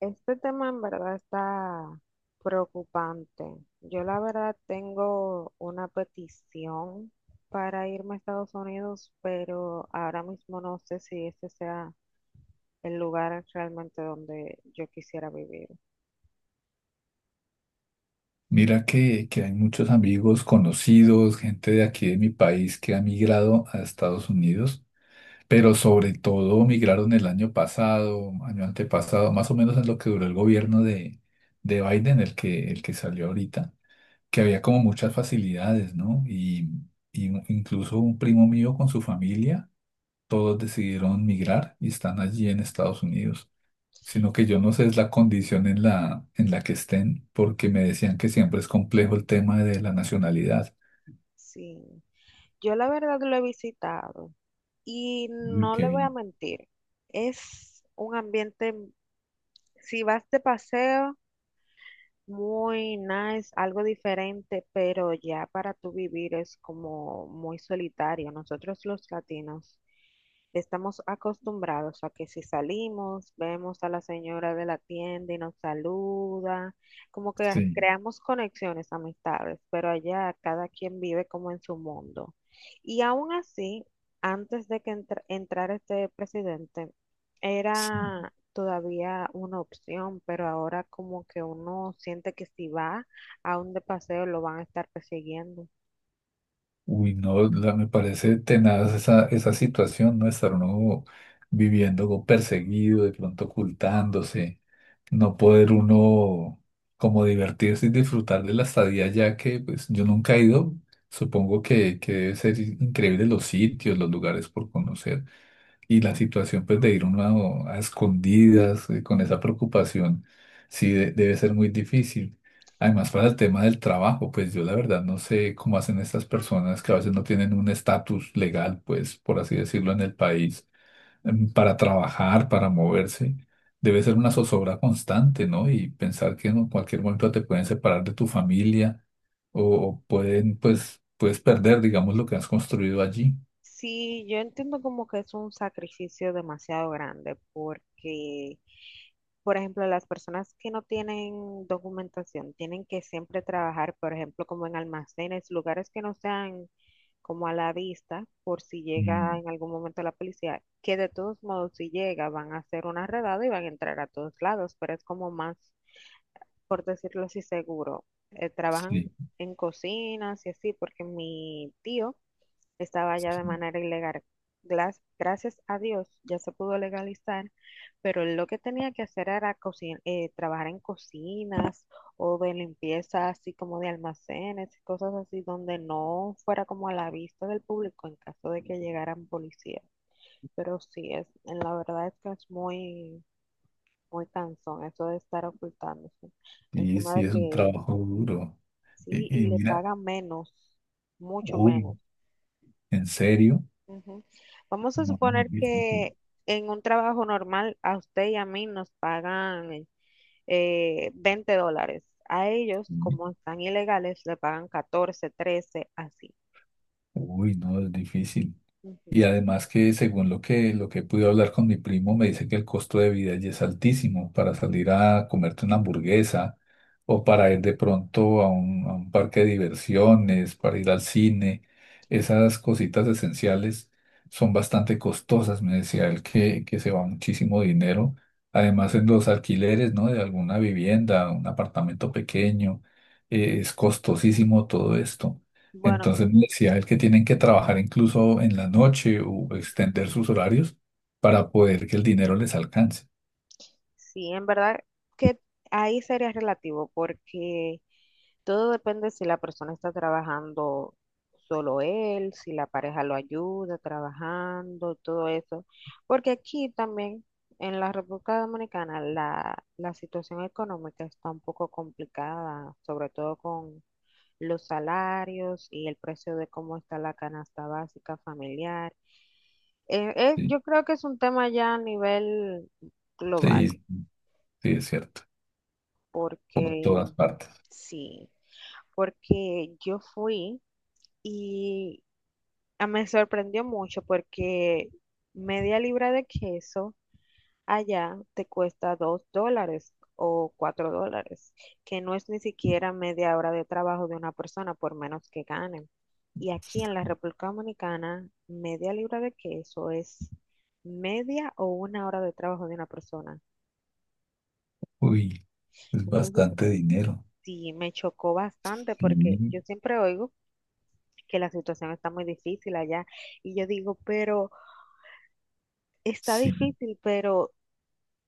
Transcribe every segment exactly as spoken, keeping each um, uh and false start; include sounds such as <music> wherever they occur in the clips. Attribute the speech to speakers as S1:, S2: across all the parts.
S1: Este tema en verdad está preocupante. Yo la verdad tengo una petición para irme a Estados Unidos, pero ahora mismo no sé si ese sea el lugar realmente donde yo quisiera vivir.
S2: Mira que, que hay muchos amigos, conocidos, gente de aquí de mi país que ha migrado a Estados Unidos, pero sobre todo migraron el año pasado, año antepasado, más o menos en lo que duró el gobierno de, de Biden, el que,
S1: Ujú.
S2: el que salió ahorita, que había como muchas facilidades, ¿no? Y, y un- incluso un primo mío con su familia, todos decidieron migrar y están allí en Estados Unidos, sino que yo no sé es la condición en la, en la que estén, porque me decían que siempre es complejo el tema de la nacionalidad.
S1: Sí, yo la verdad lo he visitado y
S2: Uy,
S1: no
S2: qué
S1: le voy a
S2: bien.
S1: mentir, es un ambiente, si vas de paseo, muy nice, algo diferente, pero ya para tú vivir es como muy solitario. Nosotros los latinos estamos acostumbrados a que si salimos, vemos a la señora de la tienda y nos saluda, como que
S2: Sí,
S1: creamos conexiones amistades, pero allá cada quien vive como en su mundo. Y aún así, antes de que entr- entrara este presidente,
S2: sí.
S1: era todavía una opción, pero ahora como que uno siente que si va a un de paseo lo van a estar persiguiendo.
S2: Uy, no, la- me parece tenaz esa, esa situación, ¿no? Estar uno viviendo como perseguido, de pronto ocultándose, no poder uno como divertirse y disfrutar de la estadía, ya que pues yo nunca he ido. Supongo que, que debe ser increíble los sitios, los lugares por conocer. Y la situación pues de ir uno a, a escondidas, eh, con esa preocupación, sí de- debe ser muy difícil. Además, para el tema del trabajo, pues yo la verdad no sé cómo hacen estas personas que a veces no tienen un estatus legal, pues por así decirlo, en el país, em, para trabajar, para moverse. Debe ser una zozobra constante, ¿no? Y pensar que en cualquier momento te pueden separar de tu familia o, o pueden, pues, puedes perder, digamos, lo que has construido allí.
S1: Sí, yo entiendo como que es un sacrificio demasiado grande porque, por ejemplo, las personas que no tienen documentación tienen que siempre trabajar, por ejemplo, como en almacenes, lugares que no sean como a la vista, por si llega
S2: Mm,
S1: en algún momento la policía, que de todos modos si llega van a hacer una redada y van a entrar a todos lados, pero es como más, por decirlo así, seguro. Eh, trabajan
S2: sí.
S1: en cocinas y así, porque mi tío estaba ya de
S2: Sí.
S1: manera ilegal. Glas- Gracias a Dios ya se pudo legalizar, pero él lo que tenía que hacer era cocin- eh, trabajar en cocinas o de limpieza, así como de almacenes cosas así, donde no fuera como a la vista del público en caso de que llegaran policías. Pero sí, es, en la verdad es que es muy, muy cansón eso de estar ocultándose.
S2: Sí,
S1: Encima de
S2: sí, es un
S1: que
S2: trabajo duro.
S1: sí,
S2: Y, y
S1: y le
S2: mira,
S1: pagan menos, mucho
S2: uy,
S1: menos.
S2: ¿en serio?
S1: Ujú. Vamos a
S2: No,
S1: suponer
S2: es difícil.
S1: que en un trabajo normal a usted y a mí nos pagan eh, veinte dólares. A ellos, como están ilegales, le pagan catorce, trece, así.
S2: Uy, no, es difícil. Y
S1: Ujú.
S2: además que según lo que, lo que pude hablar con mi primo, me dice que el costo de vida allí es altísimo para salir a comerte una hamburguesa o para ir de pronto a un, a un parque de diversiones, para ir al cine. Esas cositas esenciales son bastante costosas, me decía él que, que se va muchísimo dinero. Además en los alquileres, ¿no? De alguna vivienda, un apartamento pequeño, eh, es costosísimo todo esto.
S1: Bueno.
S2: Entonces me decía él que tienen que trabajar incluso en la noche o
S1: Ujú.
S2: extender sus horarios para poder que el dinero les alcance.
S1: Sí, en verdad que ahí sería relativo porque todo depende si la persona está trabajando solo él, si la pareja lo ayuda trabajando, todo eso. Porque aquí también, en la República Dominicana, la, la situación económica está un poco complicada, sobre todo con los salarios y el precio de cómo está la canasta básica familiar. Eh, eh,
S2: Sí,
S1: yo creo que es un tema ya a nivel global,
S2: sí, sí, es cierto. Por
S1: porque
S2: todas partes.
S1: sí, porque yo fui... y ah, me sorprendió mucho porque media libra de queso allá te cuesta dos dólares o cuatro dólares, que no es ni siquiera media hora de trabajo de una persona, por menos que ganen. Y aquí en la República Dominicana, media libra de queso es media o una hora de trabajo de una persona.
S2: Uy, es
S1: Entonces,
S2: bastante dinero.
S1: sí, me chocó bastante porque
S2: Sí,
S1: yo siempre oigo que la situación está muy difícil allá y yo digo, pero... Está
S2: sí,
S1: difícil, pero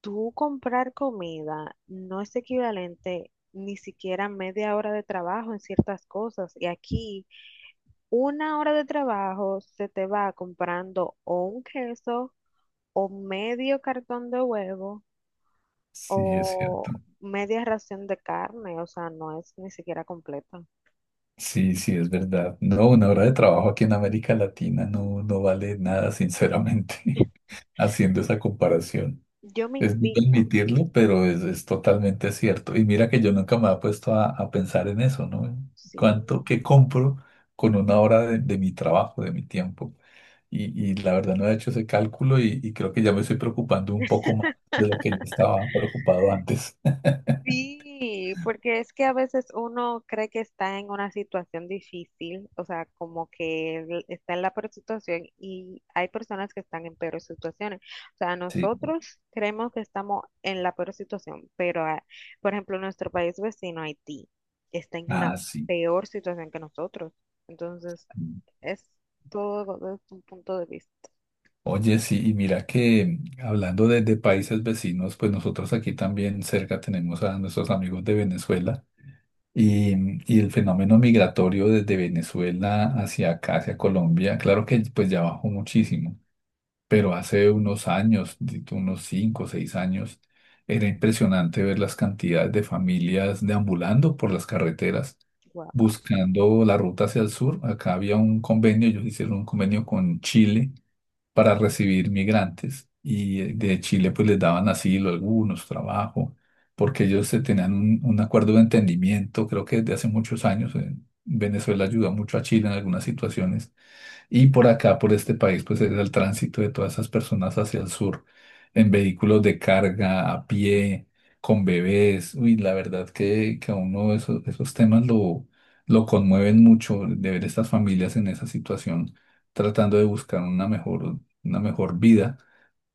S1: tú comprar comida no es equivalente ni siquiera a media hora de trabajo en ciertas cosas. Y aquí una hora de trabajo se te va comprando o un queso o medio cartón de huevo
S2: sí, es cierto.
S1: o media ración de carne. O sea, no es ni siquiera completo.
S2: Sí, sí, es verdad. No, una hora de trabajo aquí en América Latina, no, no vale nada, sinceramente, <laughs> haciendo esa comparación.
S1: Yo me
S2: Es duro
S1: indigno.
S2: admitirlo, pero es, es totalmente cierto. Y mira que yo nunca me había puesto a, a pensar en eso, ¿no?
S1: Sí.
S2: ¿Cuánto que compro con una hora de, de mi trabajo, de mi tiempo? Y, y la verdad no he hecho ese cálculo y, y creo que ya me estoy preocupando un poco más de lo que yo estaba preocupado antes. <laughs>
S1: Sí, porque es que a veces uno cree que está en una situación difícil, o sea, como que el- está en la peor situación y hay personas que están en peores situaciones. O sea,
S2: Sí,
S1: nosotros creemos que estamos en la peor situación, pero, ah, por ejemplo, nuestro país vecino, Haití, está en una
S2: ah, sí.
S1: peor situación que nosotros. Entonces, es todo desde un punto de vista.
S2: Oye, sí, y mira que hablando de, de países vecinos, pues nosotros aquí también cerca tenemos a nuestros amigos de Venezuela. Y, y el fenómeno migratorio desde Venezuela hacia acá, hacia Colombia, claro que pues ya bajó muchísimo, pero hace unos años, di tú unos cinco o seis años, era impresionante ver las cantidades de familias deambulando por las carreteras,
S1: Wow.
S2: buscando la ruta hacia el sur. Acá había un convenio, ellos hicieron un convenio con Chile para recibir migrantes y, eh, de Chile pues les daban asilo algunos, trabajo, porque ellos se tenían un, un acuerdo de entendimiento, creo que desde hace muchos años, eh, Venezuela ayuda mucho a Chile en algunas situaciones y por acá, por este país, pues es el tránsito de todas esas personas hacia el sur, en vehículos de carga, a pie, con bebés. Uy, la verdad que, que a uno esos, esos temas lo, lo conmueven mucho de ver estas familias en esa situación, tratando de buscar una mejor, una mejor vida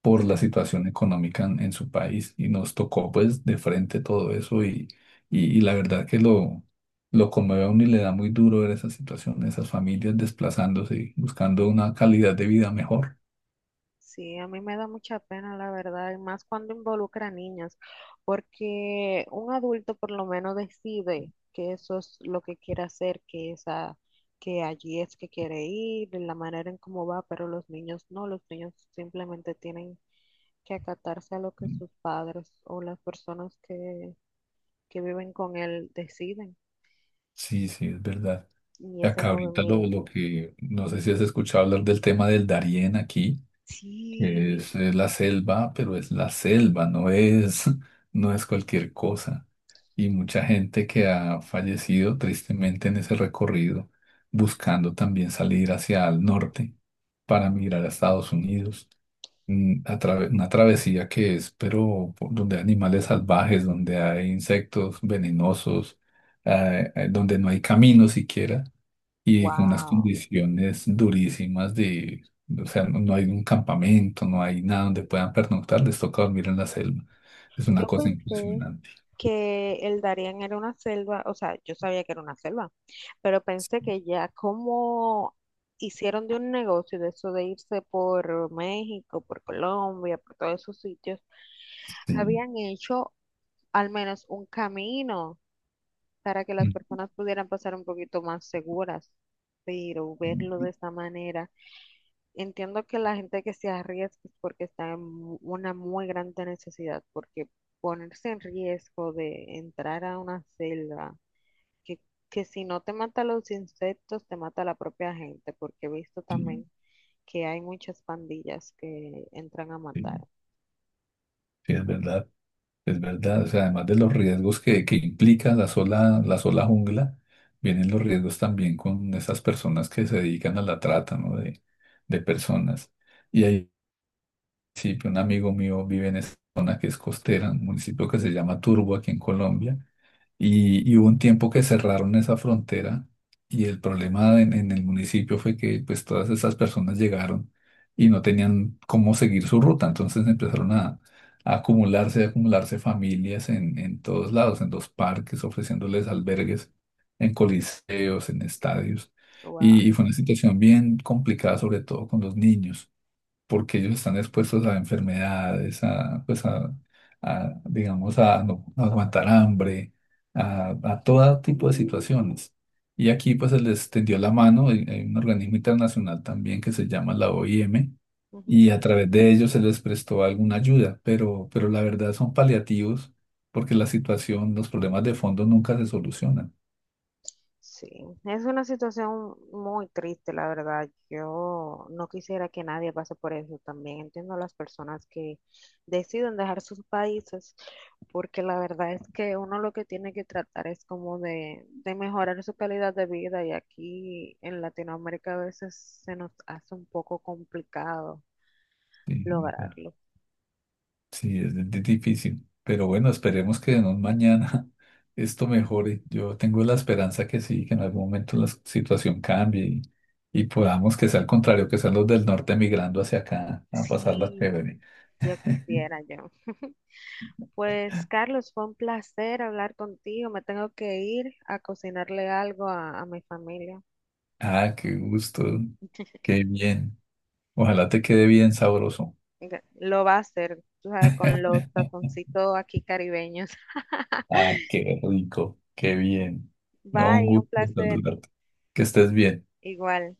S2: por la situación económica en, en su país y nos tocó pues de frente todo eso y, y, y la verdad que lo, lo conmueve a uno y le da muy duro ver esa situación, esas familias desplazándose y buscando una calidad de vida mejor.
S1: Sí, a mí me da mucha pena, la verdad, y más cuando involucra a niñas, porque un adulto por lo menos decide que eso es lo que quiere hacer, que esa, que allí es que quiere ir, de la manera en cómo va, pero los niños no, los niños simplemente tienen que acatarse a lo que sus padres o las personas que, que viven con él deciden.
S2: Sí, sí, es verdad.
S1: Y ese
S2: Acá ahorita lo,
S1: movimiento.
S2: lo que, no sé si has escuchado hablar del tema del Darién aquí. Que
S1: Sí,
S2: es, es la selva, pero es la selva, no es, <laughs> no es cualquier cosa. Y mucha gente que ha fallecido tristemente en ese recorrido, buscando también salir hacia el norte para migrar a Estados Unidos. Mm, a trave- una travesía que es, pero por- donde hay animales salvajes, donde hay insectos venenosos, eh, eh, donde no hay camino siquiera y con unas
S1: wow.
S2: condiciones durísimas de, o sea, no, no hay un campamento, no hay nada donde puedan pernoctar, les toca dormir en la selva. Es una
S1: Yo
S2: cosa
S1: pensé
S2: impresionante.
S1: que el Darien era una selva, o sea, yo sabía que era una selva, pero pensé que ya como hicieron de un negocio de eso de irse por México, por Colombia, por todos esos sitios,
S2: Sí.
S1: habían hecho al menos un camino para que las
S2: Mm.
S1: personas pudieran pasar un poquito más seguras. Pero verlo
S2: Mm.
S1: de esta manera, entiendo que la gente que se arriesga es porque está en mu- una muy grande necesidad, porque ponerse en riesgo de entrar a una selva que, que si no te mata los insectos, te mata la propia gente, porque he visto
S2: Sí,
S1: también que hay muchas pandillas que entran a
S2: sí,
S1: matar.
S2: sí, es verdad, es verdad. O sea, además de los riesgos que, que implica la sola, la sola jungla, vienen los riesgos también con esas personas que se dedican a la trata, ¿no? De, de personas. Y hay, sí, un amigo mío vive en esa zona que es costera, un municipio que se llama Turbo aquí en Colombia, y, y hubo un tiempo que cerraron esa frontera y el problema en, en el municipio fue que pues todas esas personas llegaron y no tenían cómo seguir su ruta, entonces empezaron a, a acumularse, a acumularse familias en, en todos lados, en los parques, ofreciéndoles albergues, en coliseos, en estadios,
S1: Wow.
S2: y y fue una situación bien complicada, sobre todo con los niños porque ellos están expuestos a enfermedades, a, pues a, a, digamos, a no no aguantar hambre, a, a todo tipo de situaciones. Y aquí pues se les tendió la mano, hay hay un organismo internacional también que se llama la O I M, y a través de ellos se les prestó alguna ayuda, pero, pero la verdad son paliativos porque la situación, los problemas de fondo nunca se solucionan.
S1: Sí, es una situación muy triste, la verdad. Yo no quisiera que nadie pase por eso también. Entiendo a las personas que deciden dejar sus países, porque la verdad es que uno lo que tiene que tratar es como de, de mejorar su calidad de vida y aquí en Latinoamérica a veces se nos hace un poco complicado
S2: ¿Sí?
S1: lograrlo.
S2: Sí, es di- difícil, pero bueno, esperemos que en un mañana <laughs> esto mejore. Yo tengo la esperanza que sí, que en algún momento la situación cambie y, y podamos que sea al contrario, que sean los del norte migrando hacia acá a pasarla
S1: Sí,
S2: chévere.
S1: yo quisiera, yo. Pues Carlos, fue un placer hablar contigo. Me tengo que ir a cocinarle algo a, a mi familia.
S2: Ah, qué gusto, qué bien. Ojalá te quede bien sabroso.
S1: Gra- Lo va a hacer, tú sabes, con los tazoncitos aquí caribeños. <laughs>
S2: Ah, qué rico, qué bien. No, un
S1: Bye, un
S2: gusto
S1: placer.
S2: saludarte. Que estés bien.
S1: Igual.